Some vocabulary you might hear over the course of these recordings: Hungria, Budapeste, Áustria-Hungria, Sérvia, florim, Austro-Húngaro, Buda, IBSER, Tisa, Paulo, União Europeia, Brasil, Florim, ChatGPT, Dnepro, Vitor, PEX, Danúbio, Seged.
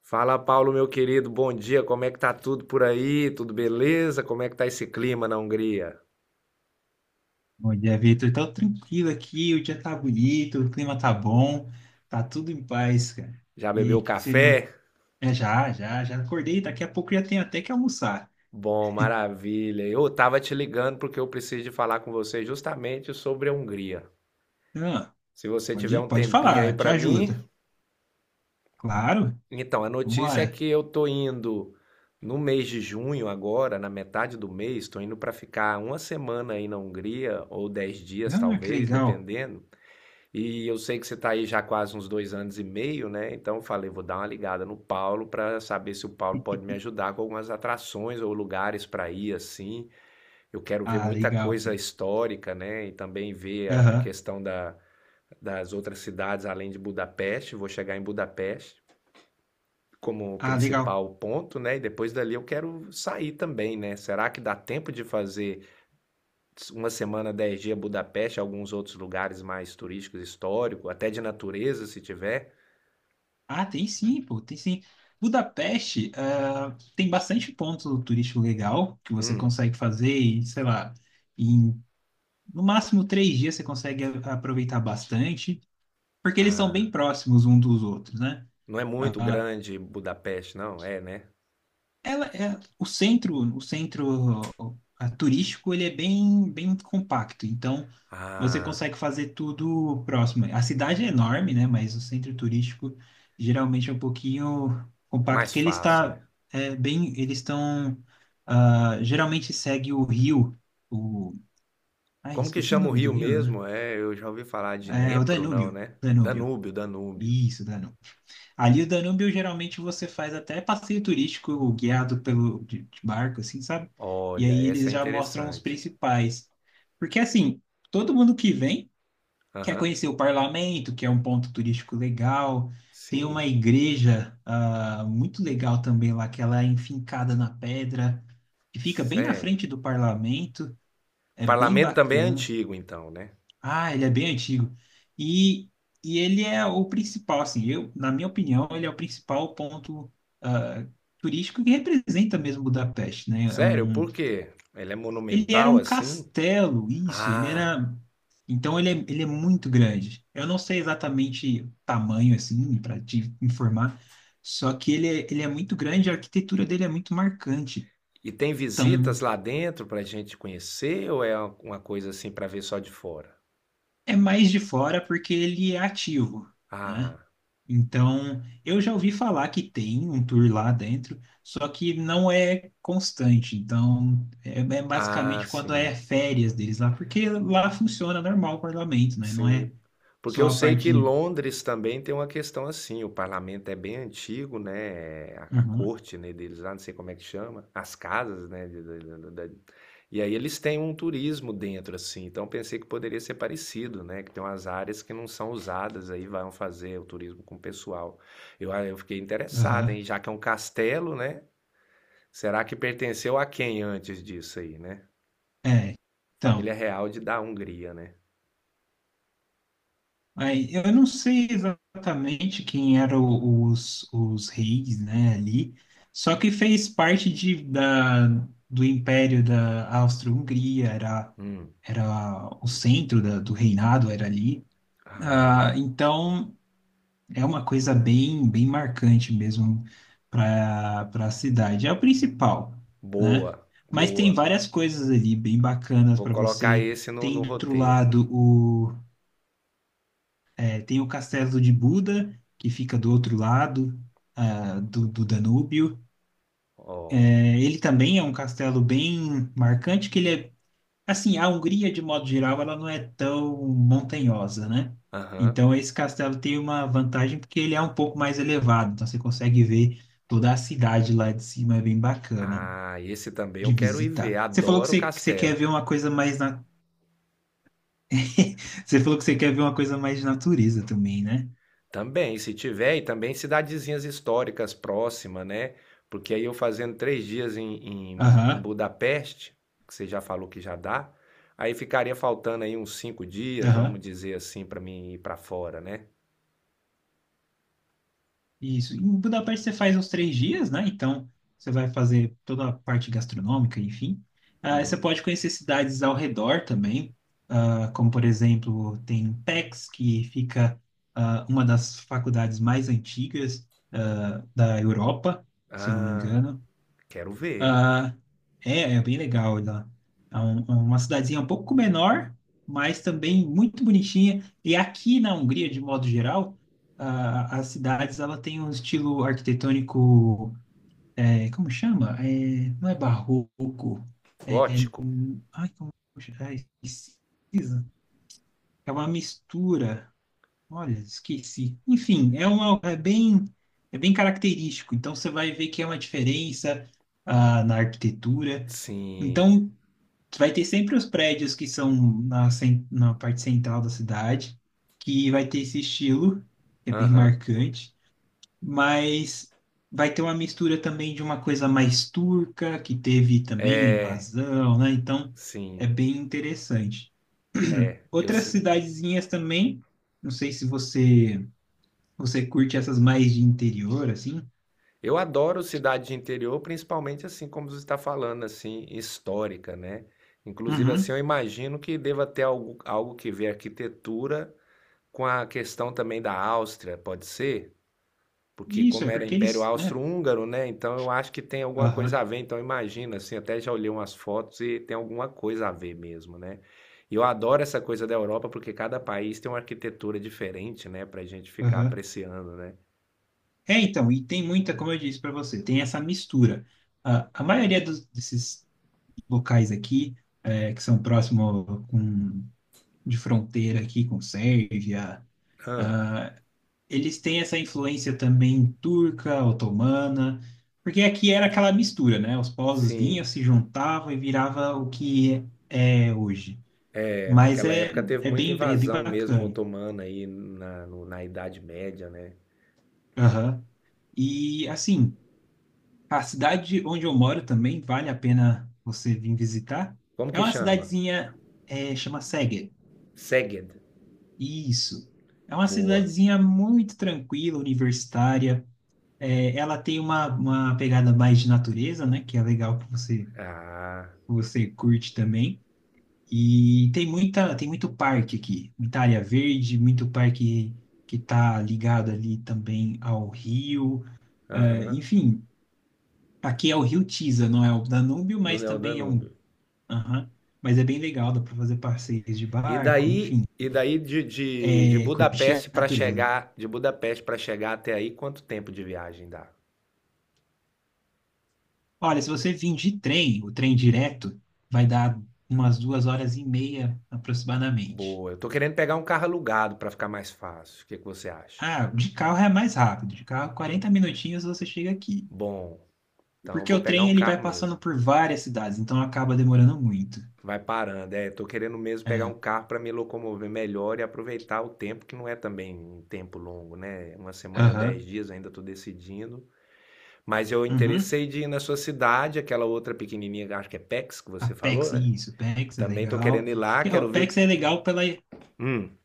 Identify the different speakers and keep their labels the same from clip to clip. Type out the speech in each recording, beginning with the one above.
Speaker 1: Fala, Paulo, meu querido, bom dia. Como é que tá tudo por aí? Tudo beleza? Como é que tá esse clima na Hungria?
Speaker 2: Bom dia, Vitor. Tá tranquilo aqui, o dia tá bonito, o clima tá bom, tá tudo em paz, cara.
Speaker 1: Já
Speaker 2: E aí,
Speaker 1: bebeu
Speaker 2: o que que você... man-
Speaker 1: café?
Speaker 2: Já acordei, daqui a pouco já tenho até que almoçar.
Speaker 1: Bom, maravilha. Eu tava te ligando porque eu preciso de falar com você justamente sobre a Hungria.
Speaker 2: Ah,
Speaker 1: Se você tiver
Speaker 2: pode,
Speaker 1: um
Speaker 2: pode
Speaker 1: tempinho aí
Speaker 2: falar, te
Speaker 1: pra mim,
Speaker 2: ajuda. Claro,
Speaker 1: então a notícia é
Speaker 2: vambora.
Speaker 1: que eu tô indo no mês de junho agora, na metade do mês, tô indo pra ficar uma semana aí na Hungria ou dez dias
Speaker 2: Ah, que
Speaker 1: talvez,
Speaker 2: legal.
Speaker 1: dependendo. E eu sei que você está aí já quase uns dois anos e meio, né? Então eu falei, vou dar uma ligada no Paulo para saber se o Paulo pode me ajudar com algumas atrações ou lugares para ir assim. Eu quero ver
Speaker 2: Ah,
Speaker 1: muita
Speaker 2: legal,
Speaker 1: coisa
Speaker 2: pô.
Speaker 1: histórica, né? E também ver a
Speaker 2: Aham.
Speaker 1: questão da, das outras cidades além de Budapeste. Vou chegar em Budapeste como
Speaker 2: Ah, legal.
Speaker 1: principal ponto, né? E depois dali eu quero sair também, né? Será que dá tempo de fazer uma semana, dez dias Budapeste, alguns outros lugares mais turísticos, histórico, até de natureza, se tiver?
Speaker 2: Ah, tem sim, pô, tem sim. Budapeste, tem bastante ponto turístico legal que você
Speaker 1: Hum,
Speaker 2: consegue fazer, e, sei lá, em no máximo três dias você consegue aproveitar bastante, porque eles são
Speaker 1: ah,
Speaker 2: bem próximos um dos outros, né?
Speaker 1: não é muito
Speaker 2: Ah,
Speaker 1: grande Budapeste, não? É, né?
Speaker 2: ela é o centro turístico, ele é bem, bem compacto, então você
Speaker 1: Ah,
Speaker 2: consegue fazer tudo próximo. A cidade é enorme, né? Mas o centro turístico geralmente é um pouquinho compacto,
Speaker 1: mais
Speaker 2: porque ele
Speaker 1: fácil, né?
Speaker 2: está é, bem, eles estão geralmente segue o rio, o, ai,
Speaker 1: Como que
Speaker 2: esqueci o
Speaker 1: chama o
Speaker 2: nome do
Speaker 1: rio
Speaker 2: rio, né?
Speaker 1: mesmo? É, eu já ouvi falar de
Speaker 2: É o
Speaker 1: Dnepro, não,
Speaker 2: Danúbio,
Speaker 1: né?
Speaker 2: Danúbio.
Speaker 1: Danúbio, Danúbio.
Speaker 2: Isso, Danúbio. Ali o Danúbio geralmente você faz até passeio turístico guiado pelo de barco, assim, sabe? E
Speaker 1: Olha,
Speaker 2: aí
Speaker 1: essa
Speaker 2: eles
Speaker 1: é
Speaker 2: já mostram os
Speaker 1: interessante.
Speaker 2: principais. Porque assim, todo mundo que vem quer
Speaker 1: Aham,
Speaker 2: conhecer o parlamento, que é um ponto turístico legal. Tem uma
Speaker 1: sim,
Speaker 2: igreja muito legal também lá, que ela é enfincada na pedra, que fica bem na
Speaker 1: sério.
Speaker 2: frente do parlamento. É bem
Speaker 1: Parlamento também é
Speaker 2: bacana.
Speaker 1: antigo, então, né?
Speaker 2: Ah, ele é bem antigo. E, e ele é o principal, assim, eu, na minha opinião, ele é o principal ponto ah, turístico que representa mesmo Budapeste, né? É
Speaker 1: Sério,
Speaker 2: um,
Speaker 1: por quê? Ele é
Speaker 2: ele era
Speaker 1: monumental
Speaker 2: um
Speaker 1: assim?
Speaker 2: castelo, isso, ele
Speaker 1: Ah,
Speaker 2: era... Então ele é muito grande. Eu não sei exatamente o tamanho, assim, para te informar, só que ele é muito grande, a arquitetura dele é muito marcante.
Speaker 1: e tem visitas
Speaker 2: Então,
Speaker 1: lá dentro pra gente conhecer ou é uma coisa assim pra ver só de fora?
Speaker 2: é mais de fora porque ele é ativo, né?
Speaker 1: Ah,
Speaker 2: Então, eu já ouvi falar que tem um tour lá dentro, só que não é constante. Então, é, é
Speaker 1: ah,
Speaker 2: basicamente quando
Speaker 1: sim.
Speaker 2: é férias deles lá, porque lá funciona normal o parlamento, né? Não é
Speaker 1: Sim, porque
Speaker 2: só
Speaker 1: eu
Speaker 2: a
Speaker 1: sei que
Speaker 2: parte.
Speaker 1: Londres também tem uma questão assim, o parlamento é bem antigo, né? A
Speaker 2: Uhum,
Speaker 1: corte, né, deles lá, não sei como é que chama, as casas, né? E aí eles têm um turismo dentro, assim, então pensei que poderia ser parecido, né? Que tem umas áreas que não são usadas, aí vão fazer o turismo com o pessoal. Eu fiquei interessado,
Speaker 2: aham,
Speaker 1: hein? Já que é um castelo, né? Será que pertenceu a quem antes disso aí, né?
Speaker 2: é.
Speaker 1: Família
Speaker 2: Então.
Speaker 1: real de da Hungria, né?
Speaker 2: Aí, eu não sei exatamente quem eram os reis, né, ali, só que fez parte de, da, do Império da Áustria-Hungria, era,
Speaker 1: Hum.
Speaker 2: era o centro da, do reinado, era ali.
Speaker 1: Ah.
Speaker 2: Ah, então, é uma coisa bem, bem marcante mesmo para para a cidade. É o principal, né?
Speaker 1: Boa,
Speaker 2: Mas tem
Speaker 1: boa.
Speaker 2: várias coisas ali bem bacanas
Speaker 1: Vou
Speaker 2: para
Speaker 1: colocar
Speaker 2: você.
Speaker 1: esse no,
Speaker 2: Tem
Speaker 1: no
Speaker 2: do outro
Speaker 1: roteiro.
Speaker 2: lado é, tem o castelo de Buda, que fica do outro lado, do, do Danúbio.
Speaker 1: Ó,
Speaker 2: É, ele também é um castelo bem marcante, que ele é, assim, a Hungria, de modo geral, ela não é tão montanhosa, né?
Speaker 1: aham.
Speaker 2: Então, esse castelo tem uma vantagem porque ele é um pouco mais elevado, então você consegue ver toda a cidade lá de cima, é bem bacana
Speaker 1: Ah, esse também
Speaker 2: de
Speaker 1: eu quero ir ver.
Speaker 2: visitar. Você falou
Speaker 1: Adoro
Speaker 2: que você quer
Speaker 1: castelo.
Speaker 2: ver uma coisa mais na... Você falou que você quer ver uma coisa mais de natureza também, né?
Speaker 1: Também, se tiver, e também cidadezinhas históricas próximas, né? Porque aí eu fazendo três dias em
Speaker 2: Aham,
Speaker 1: Budapeste, que você já falou que já dá, aí ficaria faltando aí uns cinco dias, vamos
Speaker 2: aham.
Speaker 1: dizer assim, para mim ir para fora, né?
Speaker 2: Isso. Em Budapeste você faz uns três dias, né? Então você vai fazer toda a parte gastronômica, enfim. Ah, você
Speaker 1: Uhum.
Speaker 2: pode conhecer cidades ao redor também, ah, como por exemplo tem PEX, que fica uma das faculdades mais antigas da Europa, se eu não me
Speaker 1: Ah,
Speaker 2: engano.
Speaker 1: quero ver.
Speaker 2: Ah, é, é bem legal lá. É uma cidadezinha um pouco menor, mas também muito bonitinha. E aqui na Hungria, de modo geral, as cidades ela tem um estilo arquitetônico, é, como chama? É, não é barroco. É,
Speaker 1: Gótico?
Speaker 2: ai, como chama? É, esquisito. É uma mistura. Olha, esqueci. Enfim, é uma, é bem característico. Então você vai ver que é uma diferença na arquitetura.
Speaker 1: Sim.
Speaker 2: Então vai ter sempre os prédios que são na, na parte central da cidade, que vai ter esse estilo, que é bem
Speaker 1: Aham,
Speaker 2: marcante, mas vai ter uma mistura também de uma coisa mais turca, que teve também a invasão, né? Então é
Speaker 1: sim.
Speaker 2: bem interessante.
Speaker 1: Eu,
Speaker 2: Outras
Speaker 1: se-
Speaker 2: cidadezinhas também, não sei se você curte essas mais de interior, assim?
Speaker 1: eu adoro cidade de interior, principalmente assim como você está falando, assim, histórica, né? Inclusive, assim,
Speaker 2: Uhum.
Speaker 1: eu imagino que deva ter algo, algo que ver arquitetura com a questão também da Áustria, pode ser? Porque
Speaker 2: Isso,
Speaker 1: como
Speaker 2: é
Speaker 1: era
Speaker 2: porque
Speaker 1: Império
Speaker 2: eles, né?
Speaker 1: Austro-Húngaro, né? Então eu acho que tem alguma
Speaker 2: Aham,
Speaker 1: coisa a ver. Então imagina, assim, até já olhei umas fotos e tem alguma coisa a ver mesmo, né? E eu adoro essa coisa da Europa porque cada país tem uma arquitetura diferente, né? Pra gente ficar
Speaker 2: aham.
Speaker 1: apreciando, né?
Speaker 2: É, então, e tem muita, como eu disse para você, tem essa mistura. A maioria dos, desses locais aqui, é, que são próximos com, de fronteira aqui com Sérvia,
Speaker 1: Ah,
Speaker 2: eles têm essa influência também turca, otomana, porque aqui era aquela mistura, né? Os povos vinham,
Speaker 1: sim.
Speaker 2: se juntavam e virava o que é hoje. Mas
Speaker 1: Naquela
Speaker 2: é,
Speaker 1: época teve muita
Speaker 2: é bem
Speaker 1: invasão mesmo
Speaker 2: bacana.
Speaker 1: otomana aí na, na Idade Média, né?
Speaker 2: Aham. E assim, a cidade onde eu moro também vale a pena você vir visitar.
Speaker 1: Como
Speaker 2: É
Speaker 1: que
Speaker 2: uma
Speaker 1: chama?
Speaker 2: cidadezinha, é, chama Seged.
Speaker 1: Seged.
Speaker 2: Isso. É uma
Speaker 1: Boa.
Speaker 2: cidadezinha muito tranquila, universitária. É, ela tem uma pegada mais de natureza, né? Que é legal que você,
Speaker 1: Ah,
Speaker 2: você curte também. E tem muita, tem muito parque aqui, muita área verde, muito parque que está ligado ali também ao rio. É,
Speaker 1: aham.
Speaker 2: enfim. Aqui é o Rio Tisa, não é o Danúbio,
Speaker 1: No
Speaker 2: mas
Speaker 1: Neo
Speaker 2: também é um.
Speaker 1: Danúbio.
Speaker 2: Aham. Mas é bem legal, dá para fazer passeios de
Speaker 1: E
Speaker 2: barco,
Speaker 1: daí,
Speaker 2: enfim,
Speaker 1: e daí de
Speaker 2: é, curtir a
Speaker 1: Budapeste para
Speaker 2: natureza.
Speaker 1: chegar, de Budapeste para chegar até aí, quanto tempo de viagem dá?
Speaker 2: Olha, se você vir de trem, o trem direto, vai dar umas duas horas e meia aproximadamente.
Speaker 1: Boa. Eu tô querendo pegar um carro alugado para ficar mais fácil. O que que você acha?
Speaker 2: Ah, de carro é mais rápido, de carro 40 minutinhos você chega aqui.
Speaker 1: Bom, então eu
Speaker 2: Porque
Speaker 1: vou
Speaker 2: o
Speaker 1: pegar
Speaker 2: trem
Speaker 1: um
Speaker 2: ele
Speaker 1: carro
Speaker 2: vai passando
Speaker 1: mesmo.
Speaker 2: por várias cidades, então acaba demorando muito.
Speaker 1: Vai parando, é. Tô querendo mesmo pegar
Speaker 2: É.
Speaker 1: um carro para me locomover melhor e aproveitar o tempo, que não é também um tempo longo, né? Uma semana, dez
Speaker 2: Aham.
Speaker 1: dias, ainda tô decidindo. Mas eu
Speaker 2: Uhum.
Speaker 1: interessei de ir na sua cidade, aquela outra pequenininha, acho que é PEX que
Speaker 2: A
Speaker 1: você falou,
Speaker 2: PEX,
Speaker 1: né?
Speaker 2: isso, PEX é
Speaker 1: Também tô
Speaker 2: legal.
Speaker 1: querendo ir lá,
Speaker 2: Que, ó,
Speaker 1: quero ver.
Speaker 2: PEX é legal pela.
Speaker 1: Hum,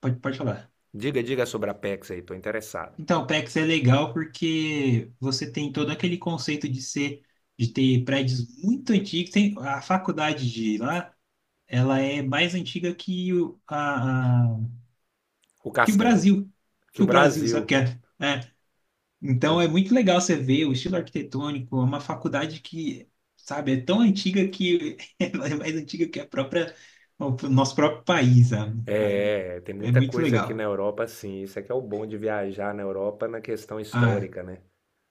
Speaker 2: Pode falar.
Speaker 1: diga, diga sobre a PEX aí, tô interessado.
Speaker 2: Então, o PEX é legal porque você tem todo aquele conceito de ser, de ter prédios muito antigos. Tem, a faculdade de lá, ela é mais antiga que o, a,
Speaker 1: O
Speaker 2: que o
Speaker 1: Castelo.
Speaker 2: Brasil,
Speaker 1: Que
Speaker 2: que
Speaker 1: o
Speaker 2: o Brasil, sabe o
Speaker 1: Brasil.
Speaker 2: que é? É. Então, é
Speaker 1: com-
Speaker 2: muito legal você ver o estilo arquitetônico, é uma faculdade que, sabe, é tão antiga que ela é mais antiga que a própria, o nosso próprio país, sabe? Aí,
Speaker 1: É, é, tem
Speaker 2: é
Speaker 1: muita
Speaker 2: muito
Speaker 1: coisa aqui na
Speaker 2: legal.
Speaker 1: Europa, sim. Isso é que é o bom de viajar na Europa na questão
Speaker 2: Ah,
Speaker 1: histórica, né?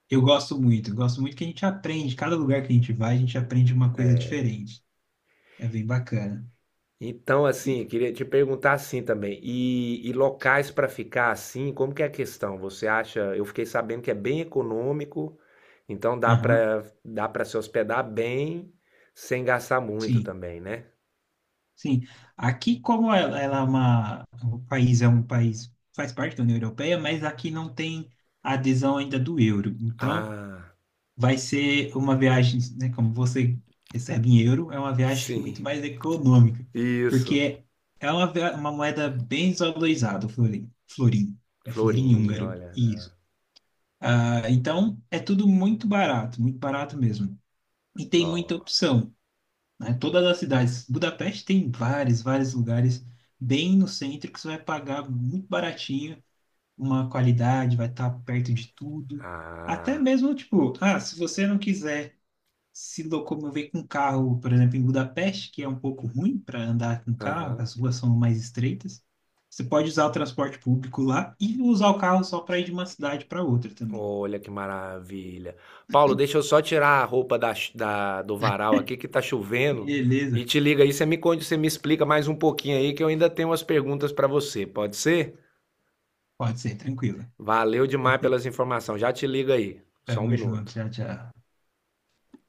Speaker 2: Eu gosto muito que a gente aprende. Cada lugar que a gente vai, a gente aprende uma coisa diferente. É bem bacana.
Speaker 1: Então,
Speaker 2: E,
Speaker 1: assim, queria te perguntar assim também, e locais para ficar assim, como que é a questão? Você acha, eu fiquei sabendo que é bem econômico, então dá
Speaker 2: aham,
Speaker 1: para dá para se hospedar bem, sem gastar muito
Speaker 2: sim,
Speaker 1: também, né?
Speaker 2: sim. Aqui, como ela é uma, o país é um país, faz parte da União Europeia, mas aqui não tem adesão ainda do euro. Então,
Speaker 1: Ah,
Speaker 2: vai ser uma viagem, né, como você recebe em euro, é uma viagem
Speaker 1: sim,
Speaker 2: muito mais econômica,
Speaker 1: isso.
Speaker 2: porque é uma, uma moeda bem desvalorizada, o florim. Florim. É florim
Speaker 1: Florim,
Speaker 2: húngaro.
Speaker 1: olha.
Speaker 2: Isso. Ah, então, é tudo muito barato mesmo. E tem muita
Speaker 1: Ó,
Speaker 2: opção, né? Todas as cidades. Budapeste tem vários, vários lugares bem no centro que você vai pagar muito baratinho, uma qualidade, vai estar perto de tudo. Até
Speaker 1: ah,
Speaker 2: mesmo, tipo, ah, se você não quiser se locomover com carro, por exemplo, em Budapeste, que é um pouco ruim para andar com carro,
Speaker 1: aham.
Speaker 2: as ruas são mais estreitas, você pode usar o transporte público lá e usar o carro só para ir de uma cidade para outra também.
Speaker 1: Olha que maravilha. Paulo, deixa eu só tirar a roupa da, do varal aqui que tá chovendo e
Speaker 2: Beleza.
Speaker 1: te liga aí, você me conta, você me explica mais um pouquinho aí que eu ainda tenho umas perguntas para você, pode ser?
Speaker 2: Pode ser, tranquilo.
Speaker 1: Valeu demais pelas informações. Já te liga aí. Só um
Speaker 2: Tamo junto,
Speaker 1: minuto.
Speaker 2: tchau, tchau.